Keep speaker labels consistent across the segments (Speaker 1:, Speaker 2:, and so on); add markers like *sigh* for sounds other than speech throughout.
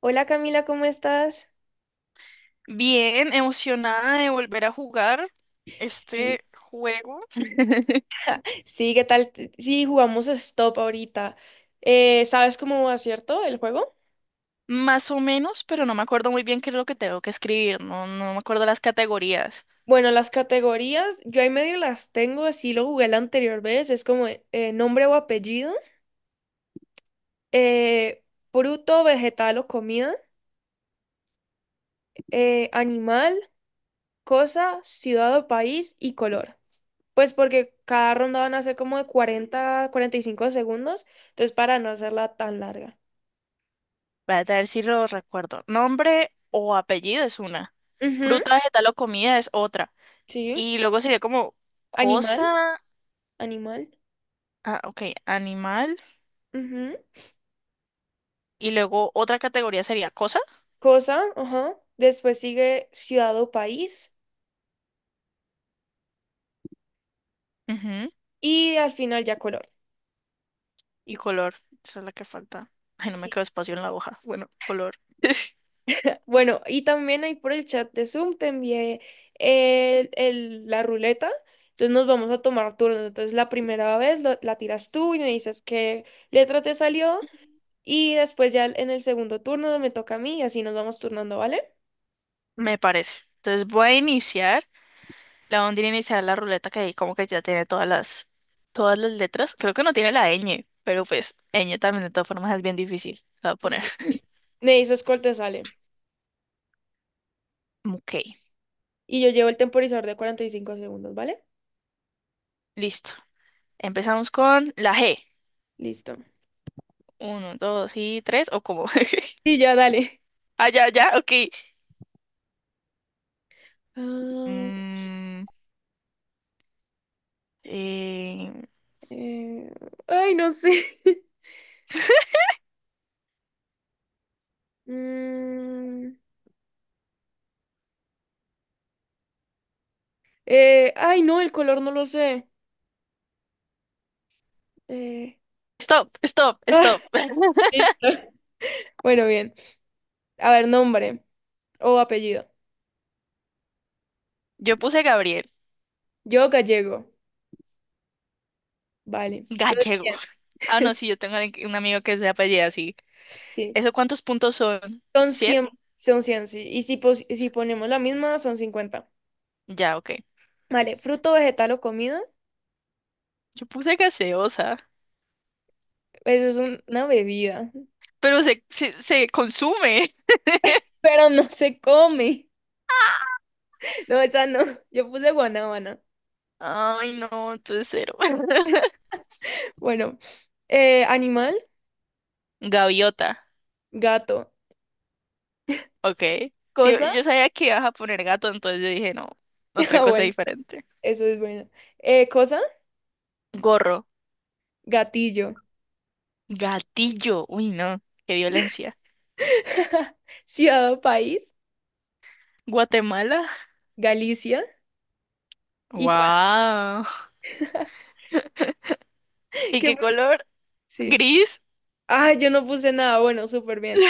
Speaker 1: Hola Camila, ¿cómo estás?
Speaker 2: Bien, emocionada de volver a jugar
Speaker 1: Sí,
Speaker 2: este juego,
Speaker 1: sí, ¿qué tal? Sí, jugamos Stop ahorita. ¿Sabes cómo va, cierto, el juego?
Speaker 2: más o menos, pero no me acuerdo muy bien qué es lo que tengo que escribir, no, no me acuerdo las categorías.
Speaker 1: Bueno, las categorías, yo ahí medio las tengo, así lo jugué la anterior vez, es como nombre o apellido, eh, fruto, vegetal o comida, animal, cosa, ciudad o país y color. Pues porque cada ronda van a ser como de cuarenta, cuarenta y cinco segundos, entonces para no hacerla tan larga.
Speaker 2: Voy a ver si lo recuerdo. Nombre o apellido es una.
Speaker 1: Ujú,
Speaker 2: Fruta, vegetal o comida es otra.
Speaker 1: sí,
Speaker 2: Y luego sería como
Speaker 1: animal,
Speaker 2: cosa,
Speaker 1: animal.
Speaker 2: ah, ok, animal.
Speaker 1: Ujú.
Speaker 2: Y luego otra categoría sería cosa.
Speaker 1: Cosa, ajá. Después sigue ciudad o país
Speaker 2: Ujú.
Speaker 1: y al final ya color.
Speaker 2: Y color, esa es la que falta. Ay, no me
Speaker 1: Sí.
Speaker 2: quedó espacio en la hoja. Bueno, color. *laughs*
Speaker 1: Bueno, y también ahí por el chat de Zoom te envié la ruleta. Entonces nos vamos a tomar turnos. Entonces la primera vez la tiras tú y me dices qué letra te salió. Y después ya en el segundo turno me toca a mí y así nos vamos turnando, ¿vale?
Speaker 2: Me parece. Entonces voy a iniciar. La ondina inicial la ruleta que ahí como que ya tiene todas las letras. Creo que no tiene la ñ, pero pues ñ también de todas formas es bien difícil. La voy a poner. *laughs*
Speaker 1: Me dices cuál te sale.
Speaker 2: Ok,
Speaker 1: Y yo llevo el temporizador de 45 segundos, ¿vale?
Speaker 2: listo. Empezamos con la G.
Speaker 1: Listo.
Speaker 2: Uno, dos y tres, o como. *laughs*
Speaker 1: Y ya, dale.
Speaker 2: Ah, ya, ya, ok.
Speaker 1: Ah,
Speaker 2: Mm, eh,
Speaker 1: Eh, ay, no sé. *laughs* Mm, ay, no, el color no lo sé. Eh,
Speaker 2: Stop, stop,
Speaker 1: ah, *laughs*
Speaker 2: stop. *laughs*
Speaker 1: listo. Bueno, bien. A ver, nombre o apellido.
Speaker 2: Yo puse Gabriel.
Speaker 1: Yo gallego. Vale. Entonces,
Speaker 2: Gallego.
Speaker 1: 100.
Speaker 2: Ah, no, sí,
Speaker 1: *laughs*
Speaker 2: yo tengo un amigo que se apellida así.
Speaker 1: Sí.
Speaker 2: ¿Eso cuántos puntos son?
Speaker 1: Son
Speaker 2: ¿100?
Speaker 1: cien. Son cien, sí. Y si, si ponemos la misma, son cincuenta.
Speaker 2: Ya, ok.
Speaker 1: Vale. Fruto, vegetal o comida.
Speaker 2: Yo puse gaseosa.
Speaker 1: Eso es una bebida. *laughs*
Speaker 2: Pero se consume.
Speaker 1: Pero no se come. *laughs* No, esa no. Yo puse guanábana.
Speaker 2: *laughs* Ay, no, entonces cero. *laughs*
Speaker 1: Bueno. Animal,
Speaker 2: Gaviota,
Speaker 1: gato.
Speaker 2: ok. Sí,
Speaker 1: Cosa.
Speaker 2: yo sabía que ibas a poner gato, entonces yo dije, no, otra
Speaker 1: Ah,
Speaker 2: cosa
Speaker 1: bueno,
Speaker 2: diferente.
Speaker 1: eso es bueno. Cosa,
Speaker 2: Gorro,
Speaker 1: gatillo.
Speaker 2: gatillo, uy, no, qué violencia.
Speaker 1: *laughs* Ciudad o país,
Speaker 2: Guatemala,
Speaker 1: Galicia. Y con...
Speaker 2: wow.
Speaker 1: *laughs*
Speaker 2: ¿Y
Speaker 1: ¿Qué
Speaker 2: qué
Speaker 1: puse?
Speaker 2: color?
Speaker 1: Sí.
Speaker 2: Gris,
Speaker 1: Ah, yo no puse nada. Bueno, súper bien.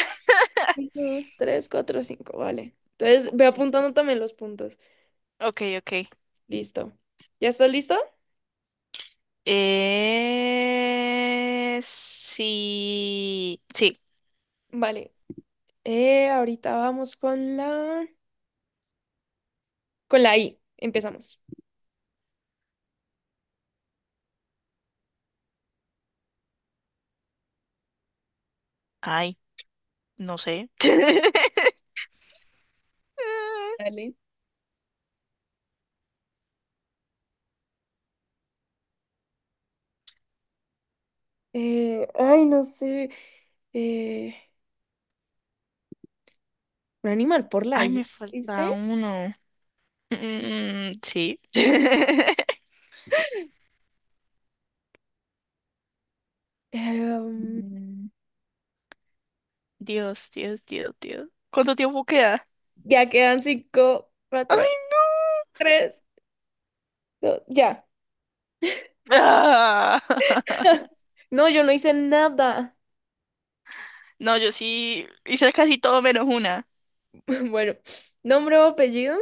Speaker 1: Un, dos, tres, cuatro, cinco. Vale. Entonces, ve apuntando también los puntos.
Speaker 2: ok, ok.
Speaker 1: Listo. ¿Ya estás listo?
Speaker 2: Sí, sí,
Speaker 1: Vale. Ahorita vamos con la... Con la I. Empezamos.
Speaker 2: ay, no sé. *laughs*
Speaker 1: Dale. Ay, no sé. Eh, un animal por la
Speaker 2: Ay,
Speaker 1: I.
Speaker 2: me falta
Speaker 1: ¿Viste?
Speaker 2: uno. Mm, sí. *laughs*
Speaker 1: Em,
Speaker 2: Mm, Dios, Dios, Dios, Dios. ¿Cuánto tiempo queda?
Speaker 1: Ya quedan cinco, cuatro,
Speaker 2: ¡Ay!
Speaker 1: tres, dos, ya.
Speaker 2: ¡Ah!
Speaker 1: *laughs* No, yo no hice nada.
Speaker 2: *laughs* No, yo sí hice casi todo menos una.
Speaker 1: *laughs* Bueno, nombre o apellido,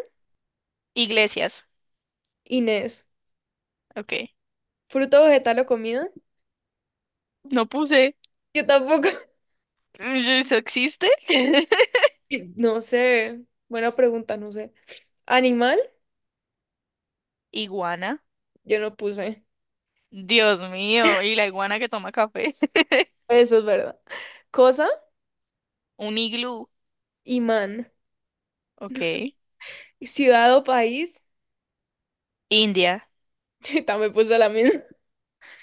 Speaker 2: Iglesias.
Speaker 1: Inés.
Speaker 2: Ok.
Speaker 1: Fruto, vegetal o comida.
Speaker 2: No puse.
Speaker 1: Yo tampoco. *laughs*
Speaker 2: ¿Eso existe? *laughs*
Speaker 1: Y no sé. Buena pregunta, no sé. Animal,
Speaker 2: Iguana.
Speaker 1: yo no puse.
Speaker 2: Dios mío. Y la iguana que toma café. *laughs*
Speaker 1: Eso es verdad. Cosa,
Speaker 2: Un iglú.
Speaker 1: imán.
Speaker 2: Ok.
Speaker 1: Ciudad o país,
Speaker 2: India.
Speaker 1: *laughs* también puse la misma. *laughs*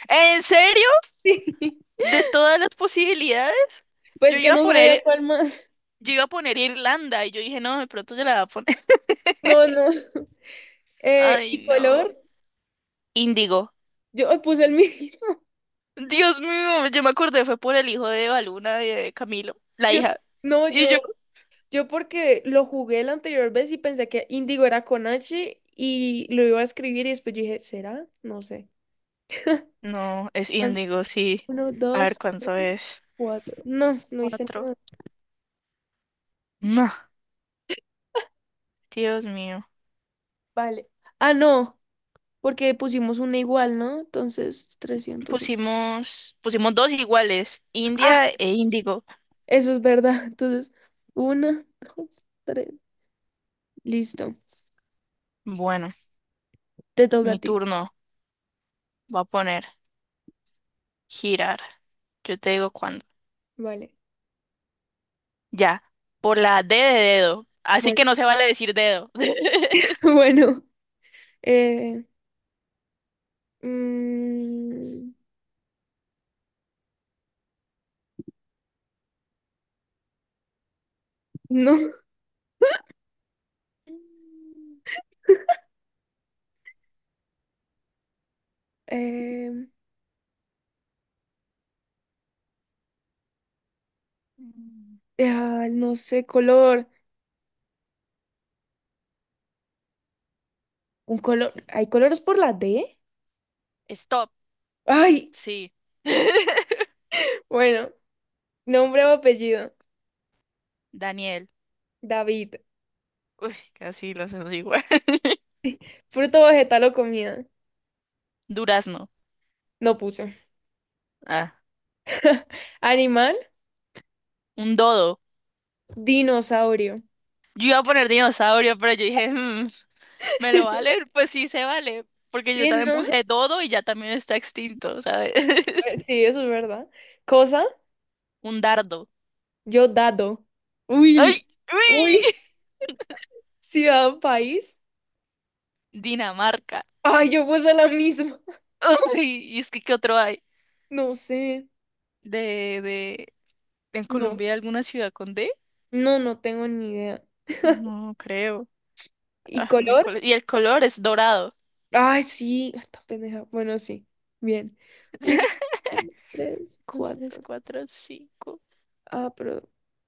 Speaker 2: ¿En serio?
Speaker 1: Sí.
Speaker 2: De todas las posibilidades, yo
Speaker 1: Pues que
Speaker 2: iba a
Speaker 1: no sabía
Speaker 2: poner,
Speaker 1: cuál más.
Speaker 2: yo iba a poner Irlanda y yo dije, no, de pronto yo la voy a poner.
Speaker 1: No, no. *laughs*
Speaker 2: Ay,
Speaker 1: Y
Speaker 2: no.
Speaker 1: color,
Speaker 2: Índigo.
Speaker 1: yo puse el mismo.
Speaker 2: Dios mío, yo me acordé, fue por el hijo de Baluna de Camilo,
Speaker 1: *laughs*
Speaker 2: la
Speaker 1: Yo,
Speaker 2: hija.
Speaker 1: no,
Speaker 2: Y yo.
Speaker 1: yo yo porque lo jugué la anterior vez y pensé que Indigo era con H y lo iba a escribir y después yo dije, ¿será? No sé. *laughs*
Speaker 2: No, es
Speaker 1: Al-
Speaker 2: Índigo, sí.
Speaker 1: Uno,
Speaker 2: A ver
Speaker 1: dos,
Speaker 2: cuánto es.
Speaker 1: cuatro. No, no hice
Speaker 2: Cuatro.
Speaker 1: nada.
Speaker 2: No, Dios mío.
Speaker 1: Vale. Ah, no, porque pusimos una igual, ¿no? Entonces, trescientos.
Speaker 2: Pusimos dos iguales,
Speaker 1: Ah,
Speaker 2: India e Índigo.
Speaker 1: eso es verdad. *laughs* Entonces, uno, dos, tres. Listo.
Speaker 2: Bueno,
Speaker 1: Te toca a
Speaker 2: mi
Speaker 1: ti.
Speaker 2: turno. Voy a poner girar. Yo te digo cuándo.
Speaker 1: Vale.
Speaker 2: Ya, por la D de dedo. Así
Speaker 1: Bueno,
Speaker 2: que no se vale decir dedo. *laughs*
Speaker 1: *laughs* bueno. eh, mm, no. eh, no sé, color. Un color, ¿hay colores por la D?
Speaker 2: Stop,
Speaker 1: Ay,
Speaker 2: sí. *laughs*
Speaker 1: bueno, nombre o apellido.
Speaker 2: Daniel.
Speaker 1: David.
Speaker 2: Uy, casi lo hacemos igual. *laughs*
Speaker 1: *laughs* Fruto, vegetal o comida.
Speaker 2: Durazno.
Speaker 1: No puse.
Speaker 2: Ah,
Speaker 1: *laughs* Animal,
Speaker 2: un dodo.
Speaker 1: dinosaurio.
Speaker 2: Yo iba a poner dinosaurio, pero yo dije, "Mm, ¿me lo vale?". Pues sí, se vale. Porque yo
Speaker 1: Sí,
Speaker 2: también
Speaker 1: ¿no?
Speaker 2: puse dodo y ya también está extinto, ¿sabes? *laughs*
Speaker 1: Sí, eso es verdad. Cosa,
Speaker 2: Un dardo.
Speaker 1: yo dado.
Speaker 2: ¡Ay!
Speaker 1: Uy,
Speaker 2: ¡Uy!
Speaker 1: uy.
Speaker 2: *laughs*
Speaker 1: Ciudad o país.
Speaker 2: Dinamarca.
Speaker 1: Ay, yo puse la misma. *laughs*
Speaker 2: ¡Uy! ¿Y es que qué otro hay?
Speaker 1: No sé.
Speaker 2: De, de, ¿En
Speaker 1: No,
Speaker 2: Colombia hay alguna ciudad con D?
Speaker 1: no, no tengo ni idea.
Speaker 2: No creo.
Speaker 1: ¿Y
Speaker 2: Ah,
Speaker 1: color?
Speaker 2: miércoles. Y el color es dorado.
Speaker 1: Ay, sí, esta pendeja. Bueno, sí. Bien. Uno,
Speaker 2: *laughs*
Speaker 1: dos, tres,
Speaker 2: Dos, tres,
Speaker 1: cuatro.
Speaker 2: cuatro, cinco.
Speaker 1: Ah, pero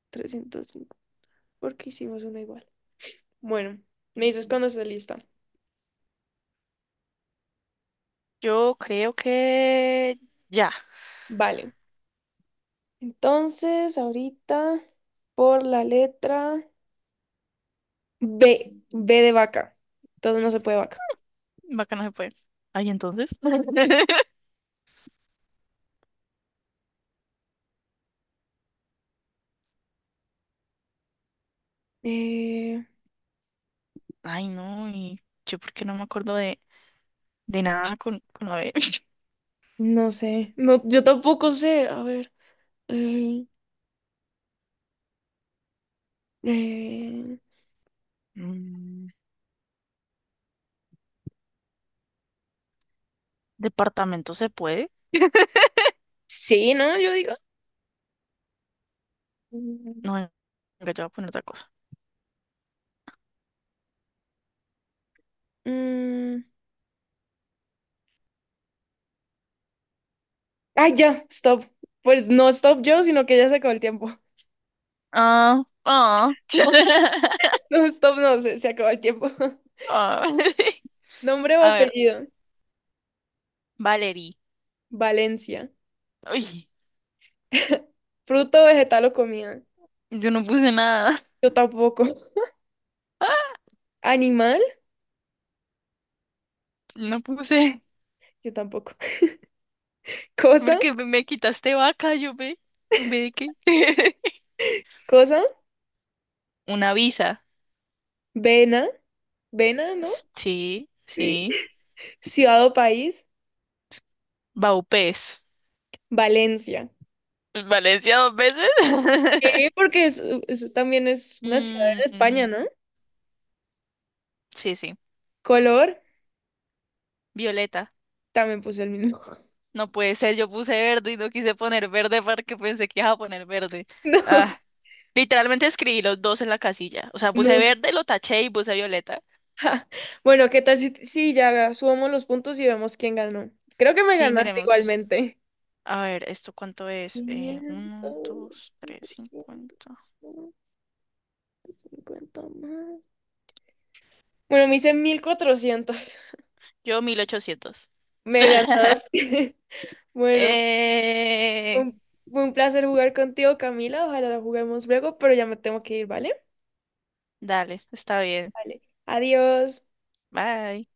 Speaker 1: 305. Porque hicimos una igual. Bueno, me dices cuando esté lista.
Speaker 2: Yo creo que ya.
Speaker 1: Vale. Entonces, ahorita, por la letra B. B de vaca. Entonces no se puede vaca.
Speaker 2: Vaca no se puede. Ay, entonces. *laughs*
Speaker 1: Eh,
Speaker 2: Ay, no, y yo porque no me acuerdo de nada con la B. *laughs*
Speaker 1: no sé. No, yo tampoco sé. A ver. eh, eh,
Speaker 2: Mm, Departamento se puede.
Speaker 1: Sí, ¿no? Yo digo.
Speaker 2: No, venga, yo voy a poner otra cosa.
Speaker 1: Mm, Ay, ya, stop. Pues no stop yo, sino que ya se acabó el tiempo. *laughs*
Speaker 2: Ah, ah. *laughs*
Speaker 1: No, stop, no, se acabó el tiempo. *laughs*
Speaker 2: Ah. *laughs*
Speaker 1: Nombre o
Speaker 2: A ver,
Speaker 1: apellido.
Speaker 2: Valerie.
Speaker 1: Valencia.
Speaker 2: Uy,
Speaker 1: *laughs* Fruto, vegetal o comida.
Speaker 2: yo no puse nada.
Speaker 1: Yo tampoco. *laughs*
Speaker 2: *laughs*
Speaker 1: Animal,
Speaker 2: No puse.
Speaker 1: yo tampoco. *laughs* Cosa,
Speaker 2: Porque me quitaste vaca, yo ve. ¿Ve de qué? *laughs*
Speaker 1: cosa,
Speaker 2: Una visa.
Speaker 1: vena, vena, ¿no?
Speaker 2: Sí,
Speaker 1: Sí.
Speaker 2: sí.
Speaker 1: Ciudad o país,
Speaker 2: Baupés.
Speaker 1: Valencia.
Speaker 2: Valencia dos veces.
Speaker 1: Sí,
Speaker 2: *laughs*
Speaker 1: porque es- eso también es una ciudad
Speaker 2: Mm,
Speaker 1: en España,
Speaker 2: mm,
Speaker 1: ¿no?
Speaker 2: sí, sí.
Speaker 1: Color,
Speaker 2: Violeta.
Speaker 1: también puse el mismo. *laughs*
Speaker 2: No puede ser, yo puse verde y no quise poner verde porque pensé que iba a poner verde.
Speaker 1: No,
Speaker 2: Ah, literalmente escribí los dos en la casilla. O sea, puse
Speaker 1: no.
Speaker 2: verde, lo taché y puse violeta.
Speaker 1: *laughs* Bueno, ¿qué tal si, si ya subamos los puntos y vemos quién ganó? Creo que me
Speaker 2: Sí,
Speaker 1: ganaste
Speaker 2: miremos.
Speaker 1: igualmente.
Speaker 2: A ver, ¿esto cuánto es? Uno,
Speaker 1: 500,
Speaker 2: dos, tres,
Speaker 1: 700,
Speaker 2: 50.
Speaker 1: 50 más. Bueno, me hice mil cuatrocientos.
Speaker 2: Yo, 1.800.
Speaker 1: *laughs* Me
Speaker 2: *laughs*
Speaker 1: ganaste. *laughs* Bueno,
Speaker 2: Eh,
Speaker 1: un- fue un placer jugar contigo, Camila. Ojalá la juguemos luego, pero ya me tengo que ir, ¿vale?
Speaker 2: dale, está bien.
Speaker 1: Vale. Adiós.
Speaker 2: Bye.